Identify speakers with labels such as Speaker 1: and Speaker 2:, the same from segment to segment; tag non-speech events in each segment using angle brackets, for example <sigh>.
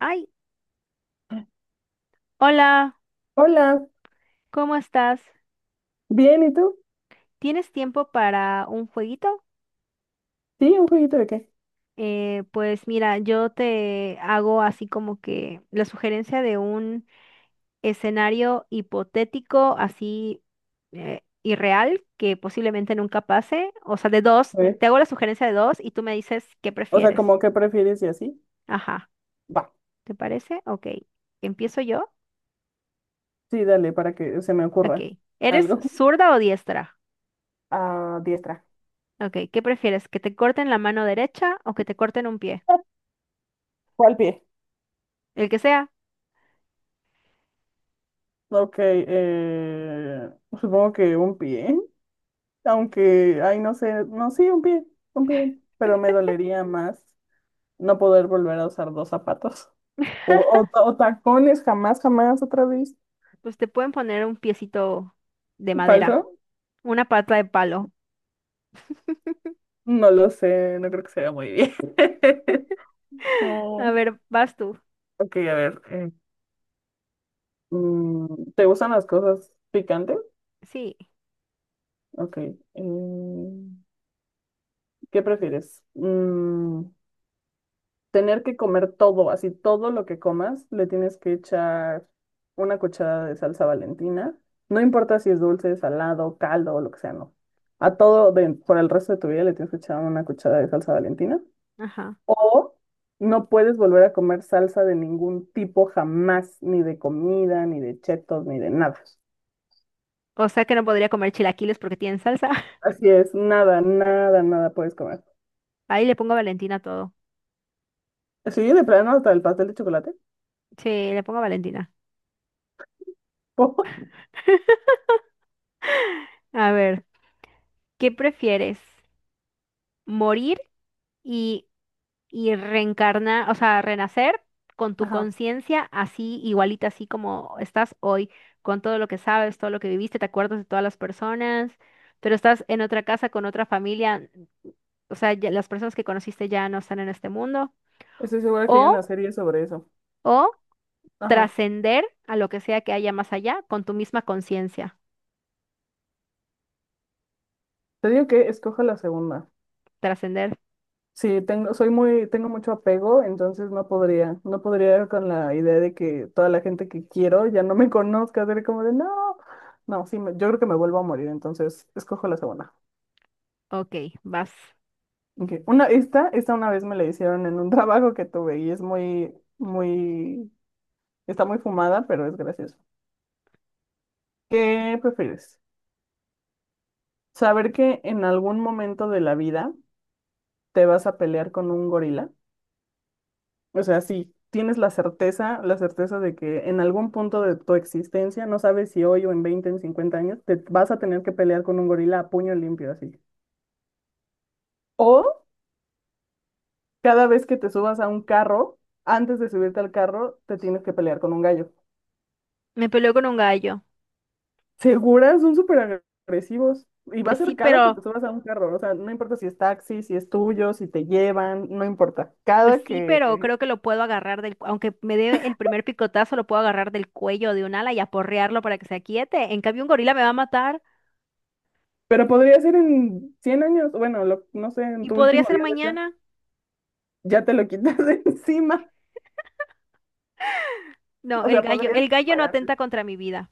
Speaker 1: Ay, hola,
Speaker 2: Hola,
Speaker 1: ¿cómo estás?
Speaker 2: bien, ¿y tú?
Speaker 1: ¿Tienes tiempo para un jueguito?
Speaker 2: Sí, ¿un jueguito de qué?
Speaker 1: Pues mira, yo te hago así como que la sugerencia de un escenario hipotético, así irreal, que posiblemente nunca pase. O sea, de dos,
Speaker 2: A ver.
Speaker 1: te hago la sugerencia de dos y tú me dices qué
Speaker 2: O sea,
Speaker 1: prefieres.
Speaker 2: como que prefieres y así.
Speaker 1: Ajá,
Speaker 2: Va.
Speaker 1: ¿te parece? Ok, ¿empiezo yo?
Speaker 2: Sí, dale, para que se me
Speaker 1: Ok,
Speaker 2: ocurra
Speaker 1: ¿eres
Speaker 2: algo.
Speaker 1: zurda o diestra?
Speaker 2: A diestra.
Speaker 1: Ok, ¿qué prefieres? ¿Que te corten la mano derecha o que te corten un pie?
Speaker 2: ¿Cuál pie?
Speaker 1: El que sea.
Speaker 2: Ok, supongo que un pie, aunque, ay, no sé, no, sí, un pie, pero me dolería más no poder volver a usar dos zapatos. <laughs> O tacones, jamás, jamás, otra vez.
Speaker 1: Pues te pueden poner un piecito de
Speaker 2: ¿Falso?
Speaker 1: madera, una pata de palo.
Speaker 2: No lo sé, no creo que sea muy bien. <laughs>
Speaker 1: <laughs> A
Speaker 2: Mm.
Speaker 1: ver, vas tú.
Speaker 2: Ok, a ver. Mm, ¿Te gustan las cosas picantes?
Speaker 1: Sí,
Speaker 2: Ok. mm, ¿Qué prefieres? Tener que comer todo, así todo lo que comas, le tienes que echar una cucharada de salsa Valentina. No importa si es dulce, salado, caldo o lo que sea, no. A todo por el resto de tu vida le tienes que echar una cucharada de salsa Valentina.
Speaker 1: ajá.
Speaker 2: O no puedes volver a comer salsa de ningún tipo jamás, ni de comida, ni de chetos, ni de nada.
Speaker 1: O sea que no podría comer chilaquiles porque tienen salsa. <laughs>
Speaker 2: Así es, nada, nada, nada puedes comer.
Speaker 1: Ahí le pongo Valentina a todo.
Speaker 2: Sí, de plano hasta el pastel de chocolate. <laughs>
Speaker 1: Sí, le pongo Valentina.
Speaker 2: ¿Por?
Speaker 1: A ver, ¿qué prefieres? ¿Morir y reencarnar, o sea, renacer con tu
Speaker 2: Ajá,
Speaker 1: conciencia así, igualita, así como estás hoy, con todo lo que sabes, todo lo que viviste, te acuerdas de todas las personas, pero estás en otra casa con otra familia, o sea, ya las personas que conociste ya no están en este mundo,
Speaker 2: estoy segura que hay una
Speaker 1: o,
Speaker 2: serie sobre eso.
Speaker 1: o
Speaker 2: Ajá,
Speaker 1: trascender a lo que sea que haya más allá con tu misma conciencia,
Speaker 2: te digo que escoja la segunda.
Speaker 1: trascender,
Speaker 2: Sí, tengo mucho apego, entonces no podría, con la idea de que toda la gente que quiero ya no me <laughs> conozca, ser como de no, no, sí, yo creo que me vuelvo a morir, entonces escojo la segunda.
Speaker 1: ok, vas.
Speaker 2: Ok. Esta una vez me la hicieron en un <laughs> trabajo que tuve y está muy fumada, pero es gracioso. ¿Qué prefieres? ¿Saber que en algún momento de la vida te vas a pelear con un gorila? O sea, si tienes la certeza de que en algún punto de tu existencia, no sabes si hoy o en 20, en 50 años, te vas a tener que pelear con un gorila a puño limpio así. O cada vez que te subas a un carro, antes de subirte al carro, te tienes que pelear con un gallo.
Speaker 1: Me peleó con un gallo,
Speaker 2: Seguras, son súper agresivos. Y va a
Speaker 1: pues sí,
Speaker 2: ser cada que
Speaker 1: pero...
Speaker 2: te subas a un carro. O sea, no importa si es taxi, si es tuyo, si te llevan, no importa.
Speaker 1: Pues
Speaker 2: Cada
Speaker 1: sí, pero
Speaker 2: que...
Speaker 1: creo que lo puedo agarrar del, aunque me dé el primer picotazo, lo puedo agarrar del cuello de un ala y aporrearlo para que se aquiete. En cambio, un gorila me va a matar
Speaker 2: Pero podría ser en 100 años. Bueno, no sé, en
Speaker 1: y
Speaker 2: tu
Speaker 1: podría
Speaker 2: último
Speaker 1: ser
Speaker 2: día de vida,
Speaker 1: mañana.
Speaker 2: ya te lo quitas de <laughs> encima.
Speaker 1: No,
Speaker 2: O
Speaker 1: el
Speaker 2: sea,
Speaker 1: gallo,
Speaker 2: podrías
Speaker 1: el gallo no
Speaker 2: prepararte.
Speaker 1: atenta contra mi vida.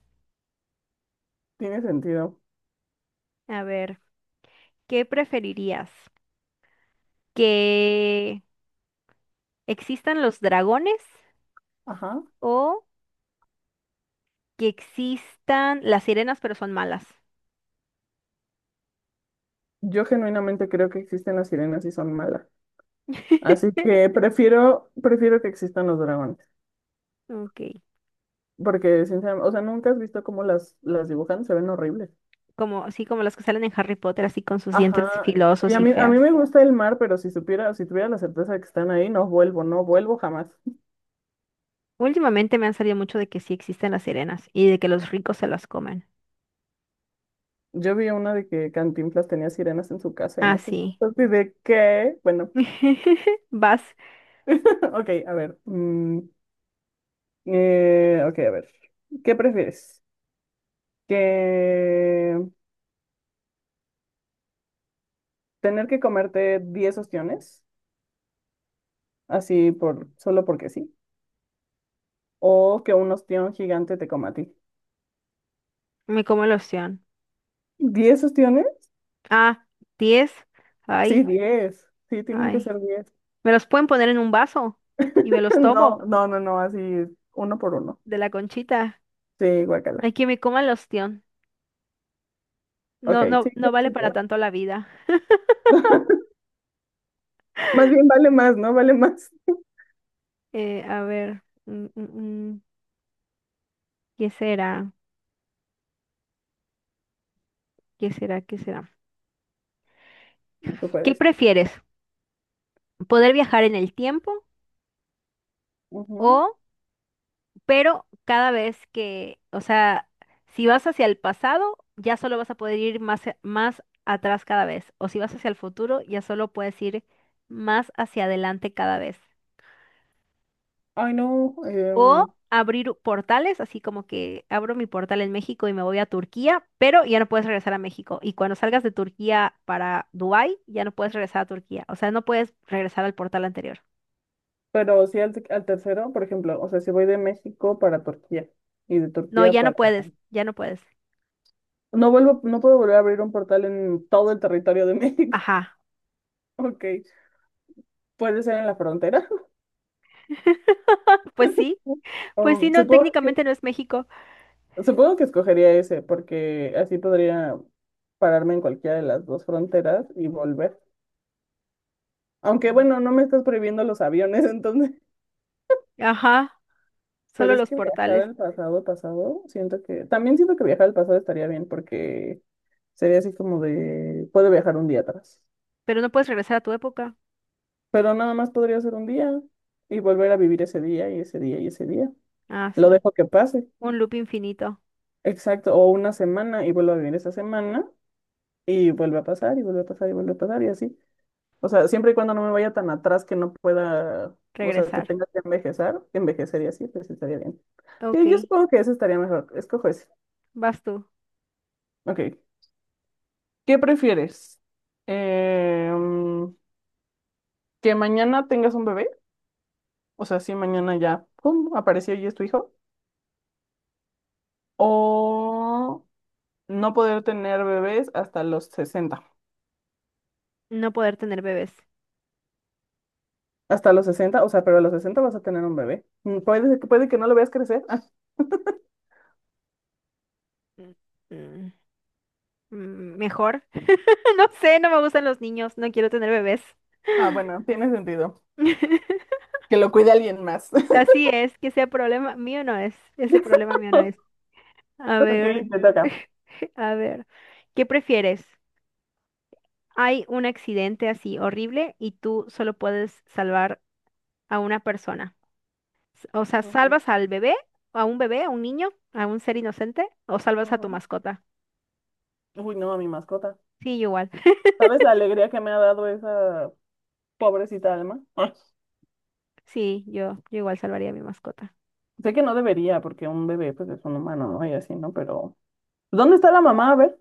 Speaker 2: Tiene sentido.
Speaker 1: A ver, ¿qué preferirías? ¿Que existan los dragones
Speaker 2: Ajá.
Speaker 1: o que existan las sirenas, pero son malas?
Speaker 2: Yo genuinamente creo que existen las sirenas y son malas. Así
Speaker 1: <laughs>
Speaker 2: que prefiero que existan los dragones.
Speaker 1: Ok,
Speaker 2: Porque, sinceramente, o sea, nunca has visto cómo las dibujan, se ven horribles.
Speaker 1: como así como las que salen en Harry Potter, así con sus dientes
Speaker 2: Ajá. Y
Speaker 1: filosos
Speaker 2: a
Speaker 1: y
Speaker 2: mí, a mí
Speaker 1: feas.
Speaker 2: me gusta el mar, pero si supiera, si tuviera la certeza de que están ahí, no vuelvo, no vuelvo jamás.
Speaker 1: Últimamente me han salido mucho de que sí existen las sirenas y de que los ricos se las comen.
Speaker 2: Yo vi una de que Cantinflas tenía sirenas en su casa y
Speaker 1: Ah,
Speaker 2: no sé.
Speaker 1: sí.
Speaker 2: Entonces, ¿de qué? Bueno,
Speaker 1: <laughs> Vas,
Speaker 2: <laughs> ok, a ver. Ok, a ver. ¿Qué prefieres? ¿Que tener que comerte 10 ostiones, así solo porque sí? ¿O que un ostión gigante te coma a ti?
Speaker 1: me como el ostión.
Speaker 2: ¿10 ostiones?
Speaker 1: Ah, 10.
Speaker 2: Sí,
Speaker 1: Ay,
Speaker 2: 10. Sí, tienen que
Speaker 1: ay.
Speaker 2: ser 10.
Speaker 1: Me los pueden poner en un vaso y me
Speaker 2: <laughs>
Speaker 1: los
Speaker 2: No,
Speaker 1: tomo
Speaker 2: no, no, no, así uno por uno.
Speaker 1: de la conchita.
Speaker 2: Sí, guacala.
Speaker 1: Hay que me coma el ostión.
Speaker 2: Ok,
Speaker 1: No, no,
Speaker 2: sí,
Speaker 1: no
Speaker 2: tienes
Speaker 1: vale
Speaker 2: un.
Speaker 1: para
Speaker 2: <laughs>
Speaker 1: tanto la vida.
Speaker 2: Más bien vale más, ¿no? Vale más.
Speaker 1: A ver, ¿Qué será? ¿Qué será? ¿Qué será?
Speaker 2: Tú
Speaker 1: ¿Qué
Speaker 2: puedes.
Speaker 1: prefieres? ¿Poder viajar en el tiempo o
Speaker 2: Ujú.
Speaker 1: pero cada vez que, o sea, si vas hacia el pasado, ya solo vas a poder ir más atrás cada vez, o si vas hacia el futuro, ya solo puedes ir más hacia adelante cada vez.
Speaker 2: Ay, no.
Speaker 1: O abrir portales, así como que abro mi portal en México y me voy a Turquía, pero ya no puedes regresar a México. Y cuando salgas de Turquía para Dubái, ya no puedes regresar a Turquía. O sea, no puedes regresar al portal anterior.
Speaker 2: Pero sí al tercero, por ejemplo, o sea, si voy de México para Turquía y de
Speaker 1: No,
Speaker 2: Turquía
Speaker 1: ya no
Speaker 2: para...
Speaker 1: puedes, ya no puedes.
Speaker 2: No vuelvo, no puedo volver a abrir un portal en todo el territorio de México. <laughs>
Speaker 1: Ajá.
Speaker 2: Ok. Puede ser en la frontera. <laughs>
Speaker 1: <laughs> Pues sí, pues sí,
Speaker 2: Um,
Speaker 1: no,
Speaker 2: supongo que,
Speaker 1: técnicamente no es México.
Speaker 2: supongo que escogería ese, porque así podría pararme en cualquiera de las dos fronteras y volver. Aunque bueno, no me estás prohibiendo los aviones, <laughs> entonces,
Speaker 1: Ajá,
Speaker 2: pero
Speaker 1: solo
Speaker 2: es
Speaker 1: los
Speaker 2: que viajar
Speaker 1: portales.
Speaker 2: al pasado, pasado, siento que, también siento que viajar al pasado estaría bien porque sería así como de, puedo viajar un día atrás,
Speaker 1: Pero no puedes regresar a tu época.
Speaker 2: pero nada más podría ser un día y volver a vivir ese día y ese día y ese día.
Speaker 1: Ah,
Speaker 2: Lo
Speaker 1: sí.
Speaker 2: dejo que pase,
Speaker 1: Un loop infinito.
Speaker 2: exacto, o una semana y vuelvo a vivir esa semana y vuelve a pasar y vuelve a pasar y vuelve a pasar y así. O sea, siempre y cuando no me vaya tan atrás que no pueda, o sea, que
Speaker 1: Regresar.
Speaker 2: tenga que envejecer, que envejecería así, pues estaría bien. Sí, yo
Speaker 1: Ok,
Speaker 2: supongo que ese estaría mejor. Escojo ese.
Speaker 1: vas tú.
Speaker 2: Ok. ¿Qué prefieres? Em, ¿Que mañana tengas un bebé? O sea, si mañana ya, pum, apareció y es tu hijo. ¿O no poder tener bebés hasta los 60?
Speaker 1: No poder tener bebés.
Speaker 2: Hasta los sesenta, o sea, pero a los 60 vas a tener un bebé. Puede que no lo veas crecer. <laughs>
Speaker 1: Mm, mm, Mejor. <laughs> No sé, no me gustan los niños. No quiero tener bebés.
Speaker 2: Ah, bueno, tiene sentido.
Speaker 1: <laughs>
Speaker 2: Que lo cuide alguien más.
Speaker 1: Así es, que sea problema mío no es. Ese
Speaker 2: <laughs>
Speaker 1: problema mío no es. A
Speaker 2: Ok,
Speaker 1: ver,
Speaker 2: te toca.
Speaker 1: <laughs> a ver. ¿Qué prefieres? Hay un accidente así horrible y tú solo puedes salvar a una persona. O sea,
Speaker 2: Ujú,
Speaker 1: ¿salvas al bebé? ¿A un bebé? ¿A un niño? ¿A un ser inocente? ¿O salvas a tu
Speaker 2: ujú.
Speaker 1: mascota?
Speaker 2: Uy, no, a mi mascota.
Speaker 1: Sí, yo igual. <laughs>
Speaker 2: ¿Sabes la alegría que me ha dado esa pobrecita alma? Ah.
Speaker 1: Sí, yo igual salvaría a mi mascota.
Speaker 2: Sé que no debería, porque un bebé pues es un humano, ¿no? Y así, ¿no? Pero ¿dónde está la mamá? A ver.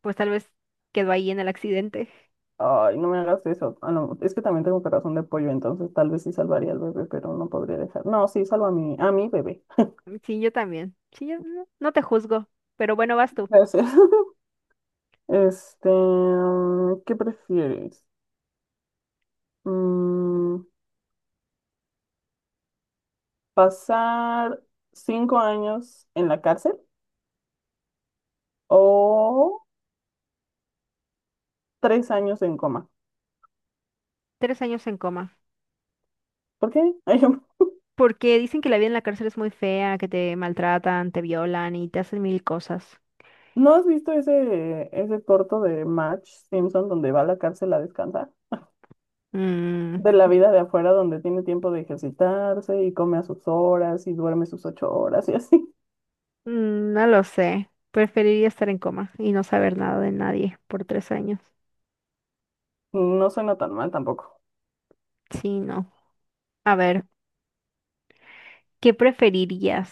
Speaker 1: Pues tal vez quedó ahí en el accidente.
Speaker 2: Ay, no me hagas eso. Ah, no, es que también tengo corazón de pollo, entonces tal vez sí salvaría al bebé, pero no podría dejar. No, sí, salvo a mi bebé.
Speaker 1: Sí, yo también. Sí, yo no te juzgo. Pero bueno, vas tú.
Speaker 2: Gracias. <laughs> Este, ¿qué prefieres? Mm, ¿Pasar 5 años en la cárcel o 3 años en coma?
Speaker 1: 3 años en coma.
Speaker 2: ¿Por qué? <laughs> Ay.
Speaker 1: Porque dicen que la vida en la cárcel es muy fea, que te maltratan, te violan y te hacen mil cosas.
Speaker 2: ¿No has visto ese, ese corto de Match Simpson donde va a la cárcel a descansar?
Speaker 1: Mm,
Speaker 2: De la vida de afuera donde tiene tiempo de ejercitarse y come a sus horas y duerme sus 8 horas y así. <laughs>
Speaker 1: mm, no lo sé. Preferiría estar en coma y no saber nada de nadie por 3 años.
Speaker 2: No suena tan mal tampoco.
Speaker 1: Sí, no. A ver. ¿Qué preferirías?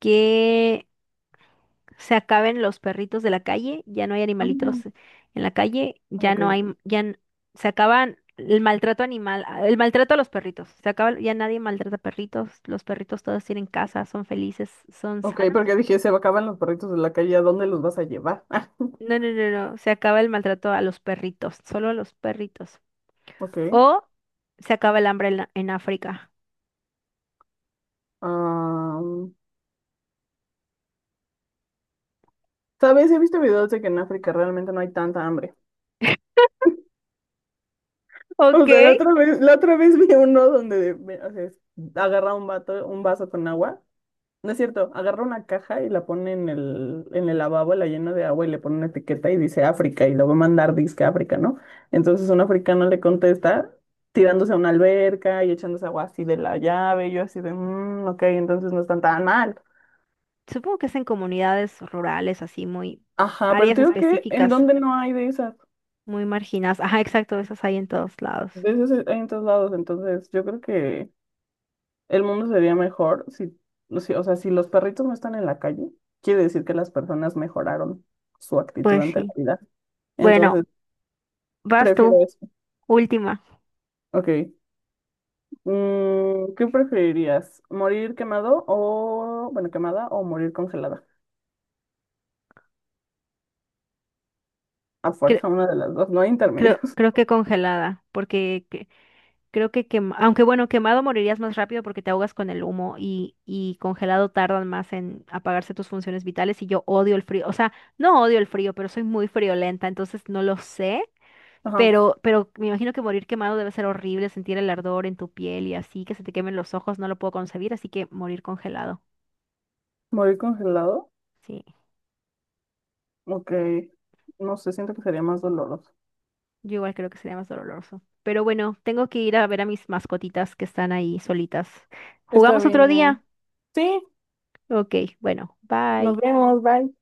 Speaker 1: ¿Que se acaben los perritos de la calle? ¿Ya no hay
Speaker 2: Ah.
Speaker 1: animalitos en la calle? ¿Ya
Speaker 2: Ok,
Speaker 1: no hay, m- ya n- se acaban el maltrato animal, el maltrato a los perritos? Se acaba, ya nadie maltrata perritos, los perritos todos tienen casa, son felices, son
Speaker 2: ok,
Speaker 1: sanos.
Speaker 2: porque dije, se acaban los perritos de la calle, ¿a dónde los vas a llevar? <laughs>
Speaker 1: No, se acaba el maltrato a los perritos, solo a los perritos.
Speaker 2: Ok.
Speaker 1: O se acaba el hambre en África.
Speaker 2: am, ¿Sabes? He visto videos de que en África realmente no hay tanta hambre. O
Speaker 1: Ok.
Speaker 2: sea, la otra vez <laughs> vi uno donde agarra un vaso con agua. No es cierto, agarra una caja y la pone en el lavabo, la llena de agua y le pone una etiqueta y dice África y lo va a mandar disque a África, ¿no? Entonces un africano le contesta tirándose a una alberca y echándose agua así de la llave. Y yo así de, "Mm, ok, entonces no están tan mal".
Speaker 1: Supongo que es en comunidades rurales, así muy
Speaker 2: Ajá, pero
Speaker 1: áreas
Speaker 2: te digo que en
Speaker 1: específicas.
Speaker 2: donde no hay
Speaker 1: Muy marginadas. Ajá, exacto, esas hay en todos lados.
Speaker 2: de esas hay en todos lados. Entonces yo creo que el mundo sería mejor si, si los perritos no están en la calle, quiere decir que las personas mejoraron su actitud
Speaker 1: Pues
Speaker 2: ante la
Speaker 1: sí.
Speaker 2: vida.
Speaker 1: Bueno,
Speaker 2: Entonces,
Speaker 1: vas tú,
Speaker 2: prefiero eso.
Speaker 1: última.
Speaker 2: Ok. ¿Qué preferirías? ¿Morir quemado o, bueno, quemada o morir congelada? A
Speaker 1: Cre-
Speaker 2: fuerza, una de las dos, no hay
Speaker 1: creo,
Speaker 2: intermedios.
Speaker 1: creo
Speaker 2: <laughs>
Speaker 1: que congelada, porque creo que aunque bueno, quemado morirías más rápido porque te ahogas con el humo y congelado tardan más en apagarse tus funciones vitales y yo odio el frío. O sea, no odio el frío, pero soy muy friolenta, entonces no lo sé.
Speaker 2: Ajá.
Speaker 1: Pero me imagino que morir quemado debe ser horrible, sentir el ardor en tu piel y así, que se te quemen los ojos, no lo puedo concebir, así que morir congelado.
Speaker 2: ¿Morir congelado?
Speaker 1: Sí.
Speaker 2: Ok. No sé, siento que sería más doloroso.
Speaker 1: Yo igual creo que sería más doloroso. Pero bueno, tengo que ir a ver a mis mascotitas que están ahí solitas.
Speaker 2: Está
Speaker 1: ¿Jugamos otro día?
Speaker 2: bien. Sí,
Speaker 1: Ok, bueno,
Speaker 2: nos
Speaker 1: bye.
Speaker 2: vemos, bye.